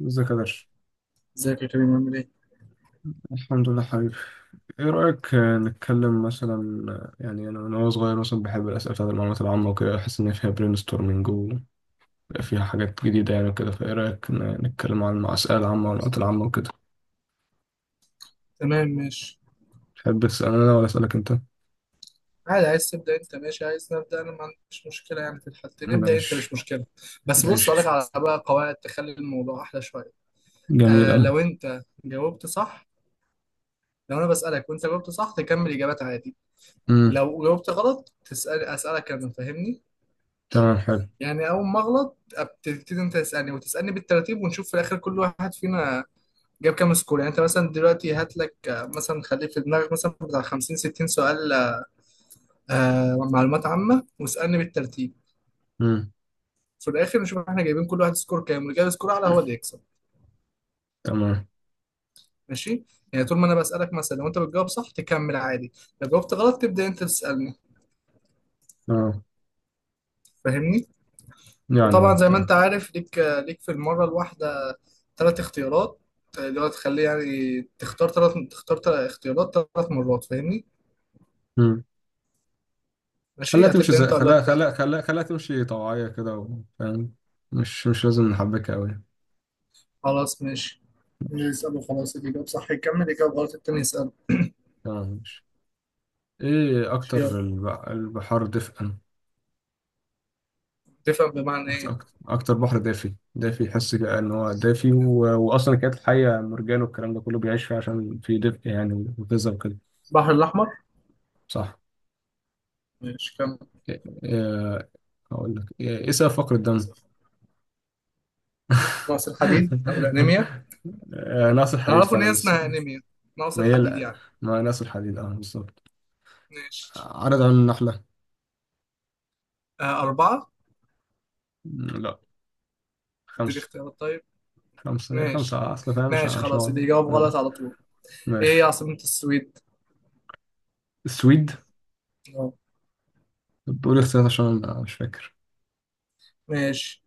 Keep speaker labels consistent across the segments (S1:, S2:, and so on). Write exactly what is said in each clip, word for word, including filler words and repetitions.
S1: ازيك يا درش؟
S2: ازيك يا كريم؟ عامل ايه؟
S1: الحمد لله حبيبي. ايه رأيك آه، نتكلم مثلا. آه، يعني انا من وانا صغير مثلا بحب الأسئلة بتاعت المعلومات العامة وكده احس ان فيها برين ستورمنج، وفيها حاجات جديدة يعني وكده فايه رأيك ن- نتكلم عن الأسئلة العامة والمعلومات العامة وكده.
S2: تمام ماشي.
S1: تحب تسأل انا ولا أسألك انت؟
S2: عادي، عايز تبدأ انت ماشي، عايز نبدأ انا ما عنديش مشكلة، يعني في الحالتين نبدأ انت مش
S1: ماشي.
S2: مشكلة. بس بص
S1: ماشي.
S2: اقول لك على بقى قواعد تخلي الموضوع احلى شوية.
S1: جميل
S2: آه
S1: أوي.
S2: لو انت جاوبت صح، لو انا بسألك وانت جاوبت صح تكمل اجابات عادي،
S1: امم
S2: لو جاوبت غلط تسأل اسألك انا، فاهمني؟
S1: تمام حلو.
S2: يعني اول ما اغلط بتبتدي انت تسألني وتسألني بالترتيب، ونشوف في الاخر كل واحد فينا جاب كام سكور. يعني انت مثلا دلوقتي هات لك آه، مثلا خليه في دماغك مثلا بتاع خمسين ستين سؤال، آه معلومات عامة واسألني بالترتيب.
S1: امم
S2: في الآخر نشوف احنا جايبين كل واحد سكور كام، واللي جايب سكور أعلى هو اللي يكسب.
S1: تمام.
S2: ماشي. يعني طول ما أنا بسألك، مثلا لو أنت بتجاوب صح تكمل عادي، لو جاوبت غلط تبدأ أنت تسألني،
S1: تمام.
S2: فاهمني.
S1: يعني
S2: وطبعا
S1: اه
S2: زي ما أنت
S1: تمام.
S2: عارف ليك ليك في المرة الواحدة ثلاث اختيارات، اللي هو تخليه يعني تختار ثلاث، تختار تلات اختيارات ثلاث مرات، فاهمني.
S1: امم خليها
S2: ماشي،
S1: تمشي
S2: هتبدأ
S1: زي
S2: أنت ولا
S1: خليها
S2: أبدأ أنا؟
S1: خليها خليها خليها تمشي طوعية كده و- فاهم. مش مش لازم نحبكها أوي.
S2: خلاص ماشي، نسأله خلاص، اللي جاوب صح يكمل، اللي جاوب غلط التاني يسأله.
S1: تمام ماشي. ايه
S2: ماشي، يلا.
S1: اكتر الب- البحار دفئا؟
S2: تفهم بمعنى
S1: اكتر
S2: إيه؟
S1: اكتر أكتر بحر دافي دافي يحس كده ان هو دافي و... واصلا كانت الحية مرجان والكلام ده كله بيعيش فيه عشان في دفء يعني وغذاء وكده.
S2: البحر الأحمر.
S1: صح.
S2: ماشي كمل.
S1: إيه... إيه... اقول لك ايه إيه سبب فقر الدم؟
S2: نقص الحديد او الانيميا.
S1: آه، ناقص
S2: انا
S1: الحديد
S2: اعرف ان هي
S1: فعلا بس.
S2: اسمها انيميا، نقص
S1: ما هي
S2: الحديد
S1: لا.
S2: يعني.
S1: ما ناقص الحديد اه بالظبط.
S2: ماشي.
S1: عدد عيون النحلة؟
S2: آه اربعه.
S1: م، لا.
S2: اديني
S1: خمسة.
S2: اختيارات طيب.
S1: خمسة إيه
S2: ماشي
S1: خمسة أصل فاهم مش
S2: ماشي، خلاص اللي
S1: عشان.
S2: يجاوب غلط على طول. ايه هي
S1: ماشي.
S2: عاصمة السويد؟
S1: السويد.
S2: اه.
S1: بقول اختيارات عشان أنا مش فاكر.
S2: ماشي.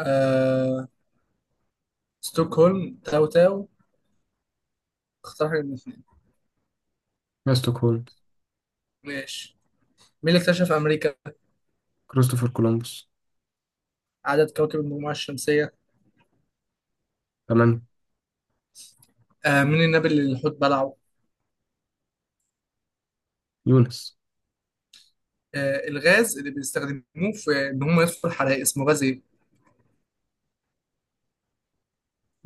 S2: آه... ستوكهولم، تاو تاو، اختار حاجة من الاثنين.
S1: ما ستوكهولم.
S2: ماشي. مين اللي اكتشف امريكا؟
S1: كريستوفر كولومبوس.
S2: عدد كواكب المجموعة الشمسية.
S1: تمام.
S2: آه... مين النبي اللي الحوت بلعه؟
S1: يونس.
S2: آه... الغاز اللي بيستخدموه في ان هم يطفوا الحرائق اسمه غاز ايه؟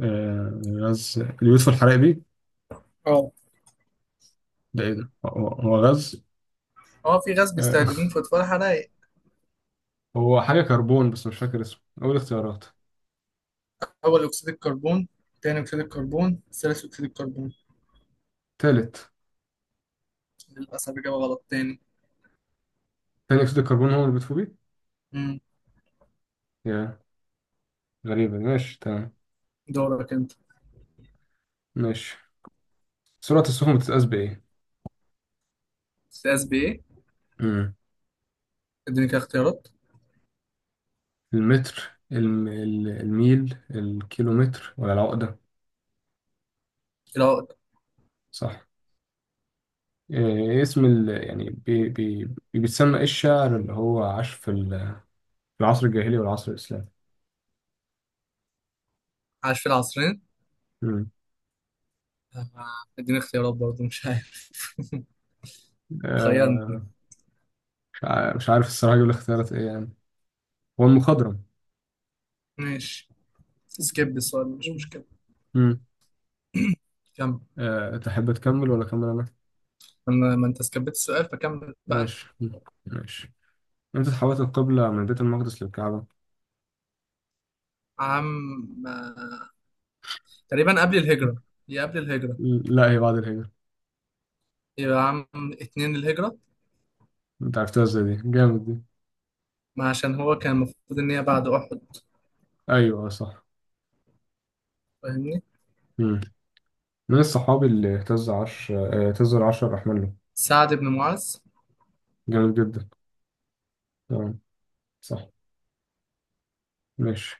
S1: آه. غاز اليوسف الحرائبي.
S2: اه.
S1: ده ايه ده هو هو غاز.
S2: اه في غاز
S1: آه.
S2: بيستخدموه في اطفاء الحرائق.
S1: هو حاجة كربون بس مش فاكر اسمه أول اختيارات.
S2: أول أكسيد الكربون، تاني أكسيد الكربون، ثالث أكسيد الكربون.
S1: تالت.
S2: للأسف إجابة غلط تاني.
S1: تاني أكسيد الكربون هو اللي بيطفو بيه.
S2: مم.
S1: يا. غريبة ماشي تمام.
S2: دورك أنت.
S1: ماشي. سرعة السفن بتتقاس بإيه؟
S2: استاذ بإيه؟
S1: مم.
S2: اديني كده اختيارات.
S1: المتر الم... ال- الميل الكيلومتر ولا العقدة؟
S2: العقد.
S1: صح. آه اسم ال... يعني بي... بي... بيتسمى إيه الشاعر اللي هو عاش في ال- في العصر الجاهلي والعصر الإسلامي؟
S2: عاش في العصرين. آه، اديني اختيارات برضه مش عارف. خيرني.
S1: آه، مش عارف مش عارف الصراحة أجيب الاختيارات إيه يعني. هو المخضرم.
S2: ماشي، سكيب السؤال مش مشكلة.
S1: مم.
S2: كمل.
S1: أه تحب تكمل ولا أكمل أنا؟
S2: ما ما انت سكبت السؤال فكمل بقى انت.
S1: ماشي مم. ماشي. إمتى اتحولت القبلة من بيت المقدس للكعبة؟
S2: عام، آه، تقريبا قبل الهجرة، هي قبل الهجرة.
S1: لا هي بعد الهجرة.
S2: يبقى عام اتنين الهجرة.
S1: أنت عرفتها إزاي دي؟ جامد دي.
S2: ما عشان هو كان المفروض ان هي بعد احد،
S1: أيوه آه، صح.
S2: فاهمني.
S1: مم. من الصحابي اللي اهتز عرش آه، اهتز العرش الرحمن له؟
S2: سعد بن معاذ.
S1: جامد جدا. تمام. صح. ماشي.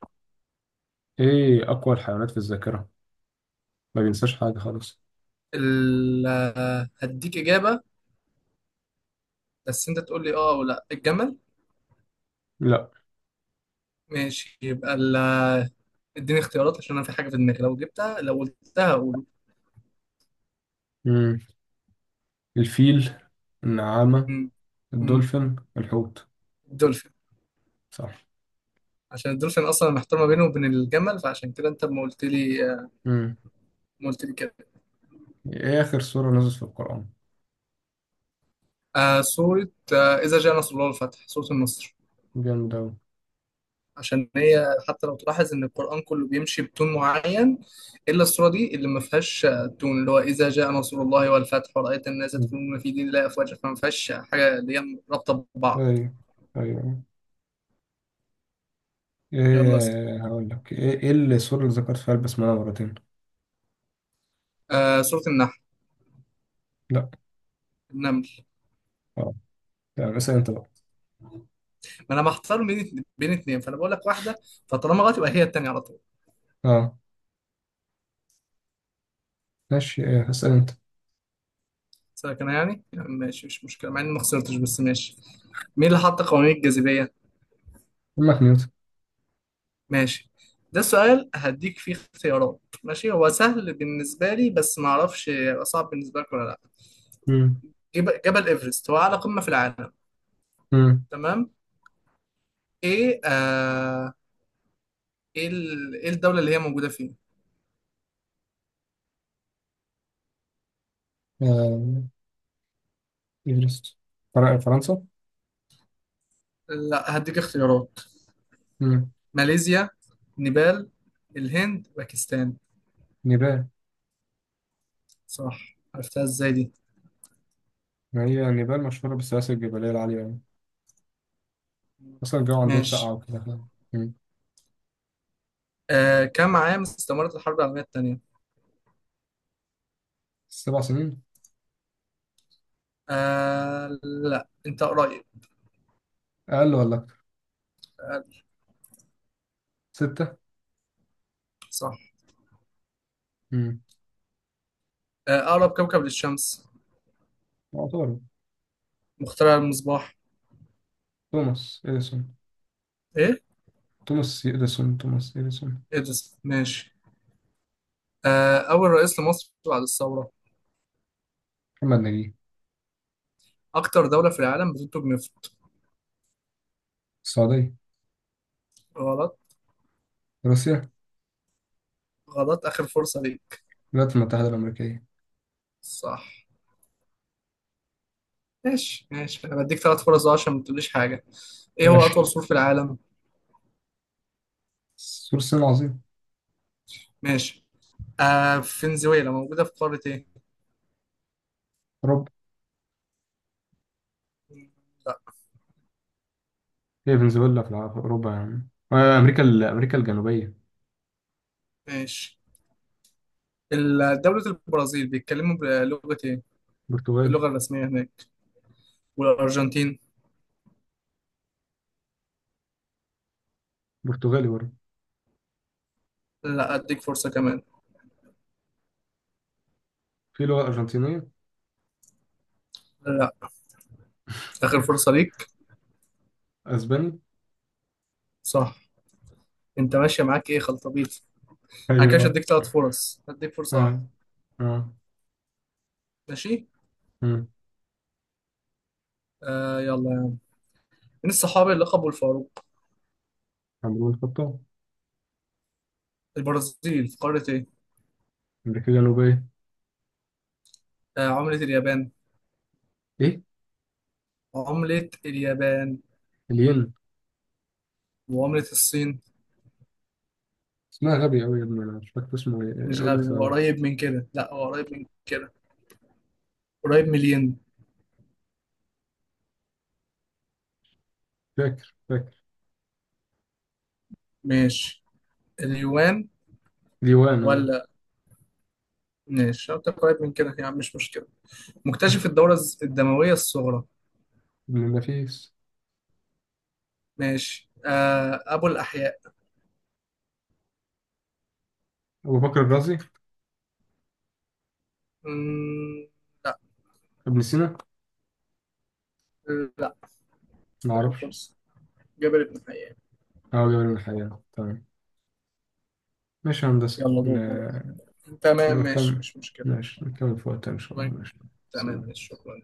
S1: إيه أقوى الحيوانات في الذاكرة؟ ما بينساش حاجة خالص.
S2: ال... هديك إجابة، بس أنت تقول لي آه أو لأ. الجمل.
S1: لا.
S2: ماشي، يبقى ال... اديني اختيارات عشان أنا في حاجة في دماغي لو جبتها، لو قلتها أقول.
S1: مم. الفيل. النعامة.
S2: م- م-
S1: الدولفين الحوت.
S2: الدولفين.
S1: صح.
S2: عشان الدولفين أصلا محتار ما بينه وبين الجمل، فعشان كده أنت ما قلت لي،
S1: امم
S2: ما قلت لي كده.
S1: ايه اخر سورة نزلت في القرآن؟
S2: آه سورة، آه إذا جاء نصر الله والفتح، سورة النصر.
S1: جامد اوي.
S2: عشان هي حتى لو تلاحظ ان القرآن كله بيمشي بتون معين، الا السورة دي اللي ما فيهاش تون، اللي هو اذا جاء نصر الله والفتح ورأيت الناس
S1: مم.
S2: يدخلون في دين الله افواجا، فما فيهاش حاجة اللي هي رابطة ببعض.
S1: ايوه. ايوه.
S2: يلا اسأل.
S1: ايه هقول لك ايه ايه السورة اللي ذكرت فيها البسملة مرتين؟
S2: آه سورة النحل.
S1: لا.
S2: النمل.
S1: اه. يعني اسأل انت بقى.
S2: ما انا محتار بين بين اتنين فانا بقول لك واحدة، فطالما غلط يبقى هي التانية على طول.
S1: اه. ماشي ايه اسأل انت.
S2: سلك انا يعني، يعني ماشي مش مشكلة مع اني ما خسرتش، بس ماشي. مين اللي حط قوانين الجاذبية؟
S1: امك نيوتن.
S2: ماشي. ده سؤال هديك فيه اختيارات، ماشي هو سهل بالنسبة لي بس ما اعرفش هيبقى صعب بالنسبة لك ولا لا.
S1: امم
S2: جب- جبل ايفرست هو اعلى قمة في العالم.
S1: امم
S2: تمام. ايه آه ايه ال- ايه الدولة اللي هي موجودة فيه؟
S1: آه، ايفرست. فر- فرنسا.
S2: لا هديك اختيارات.
S1: امم
S2: ماليزيا، نيبال، الهند، باكستان.
S1: نيبال.
S2: صح، عرفتها ازاي دي؟
S1: ما هي نيبال مشهورة بالسلاسل الجبلية العالية يعني. اصلا الجو عندهم ساقعة
S2: ماشي.
S1: وكده. امم
S2: آه كم عام استمرت الحرب العالمية التانية؟
S1: سبع سنين.
S2: آه لا انت قريب.
S1: اقل ولا اكتر؟
S2: آه.
S1: ستة.
S2: صح.
S1: امم
S2: آه اقرب كوكب للشمس.
S1: يعتبر.
S2: مخترع المصباح.
S1: توماس اديسون.
S2: ايه.
S1: توماس يديسون توماس يديسون.
S2: إدرس ماشي. آه، أول رئيس لمصر بعد الثورة.
S1: محمد نجيب.
S2: أكتر دولة في العالم بتنتج نفط.
S1: السعودية.
S2: غلط.
S1: روسيا.
S2: غلط آخر فرصة ليك.
S1: الولايات المتحدة الأمريكية.
S2: صح. ماشي ماشي، أنا بديك ثلاث فرص أهو عشان ما تقوليش حاجة. إيه هو
S1: ماشي.
S2: أطول سور في العالم؟
S1: سور الصين العظيم.
S2: ماشي. آه فنزويلا موجودة في قارة إيه؟
S1: أوروبا.
S2: لا.
S1: هي فنزويلا في الع- في أوروبا يعني آه، أمريكا ال- أمريكا الجنوبية.
S2: ماشي. ال- دولة البرازيل بيتكلموا بلغة إيه؟
S1: برتغالي.
S2: اللغة الرسمية هناك، والأرجنتين.
S1: برتغالي برضه.
S2: لا أديك فرصة كمان.
S1: في لغة أرجنتينية.
S2: لا. آخر فرصة ليك.
S1: أسباني.
S2: صح. أنت ماشية معاك إيه خلطبيط؟ انا كده
S1: أيوه
S2: هديك ثلاث فرص، هديك فرصة واحدة.
S1: آه. اه.
S2: ماشي.
S1: امم
S2: آه يلا يعني، مين الصحابي اللي لقبوا الفاروق؟
S1: عمرو الخطاب.
S2: البرازيل في قارة ايه؟
S1: امريكا الجنوبيه.
S2: آه عملة اليابان.
S1: ايه.
S2: عملة اليابان.
S1: الين.
S2: وعملة الصين.
S1: اسمها غبي قوي يا ابني انا مش فاكر اسمه ايه
S2: مش
S1: قول لي
S2: غبي، هو
S1: اختيارات.
S2: قريب من كده، لا هو قريب من كده، قريب من الين.
S1: فاكر فاكر.
S2: ماشي. اليوان.
S1: ديوان اه.
S2: ولا. ماشي، لو أنت قريب من كده يعني مش مشكلة. مكتشف الدورة الز- الدموية الصغرى.
S1: ابن النفيس.
S2: ماشي. آه أبو الأحياء.
S1: ابو بكر الرازي.
S2: مم، لا.
S1: ابن سينا.
S2: لا.
S1: ما
S2: آخر
S1: اعرفش.
S2: فرصة. جابر بن حيان.
S1: اه جمال من الحياة تمام. ماشي يا هندسة
S2: يلا دور.
S1: ن-
S2: تمام ماشي
S1: نكمل.
S2: مش مشكلة.
S1: ماشي نكمل في وقتها ان شاء الله
S2: طيب،
S1: ماشي.
S2: تمام
S1: سلام.
S2: ماشي شكرا.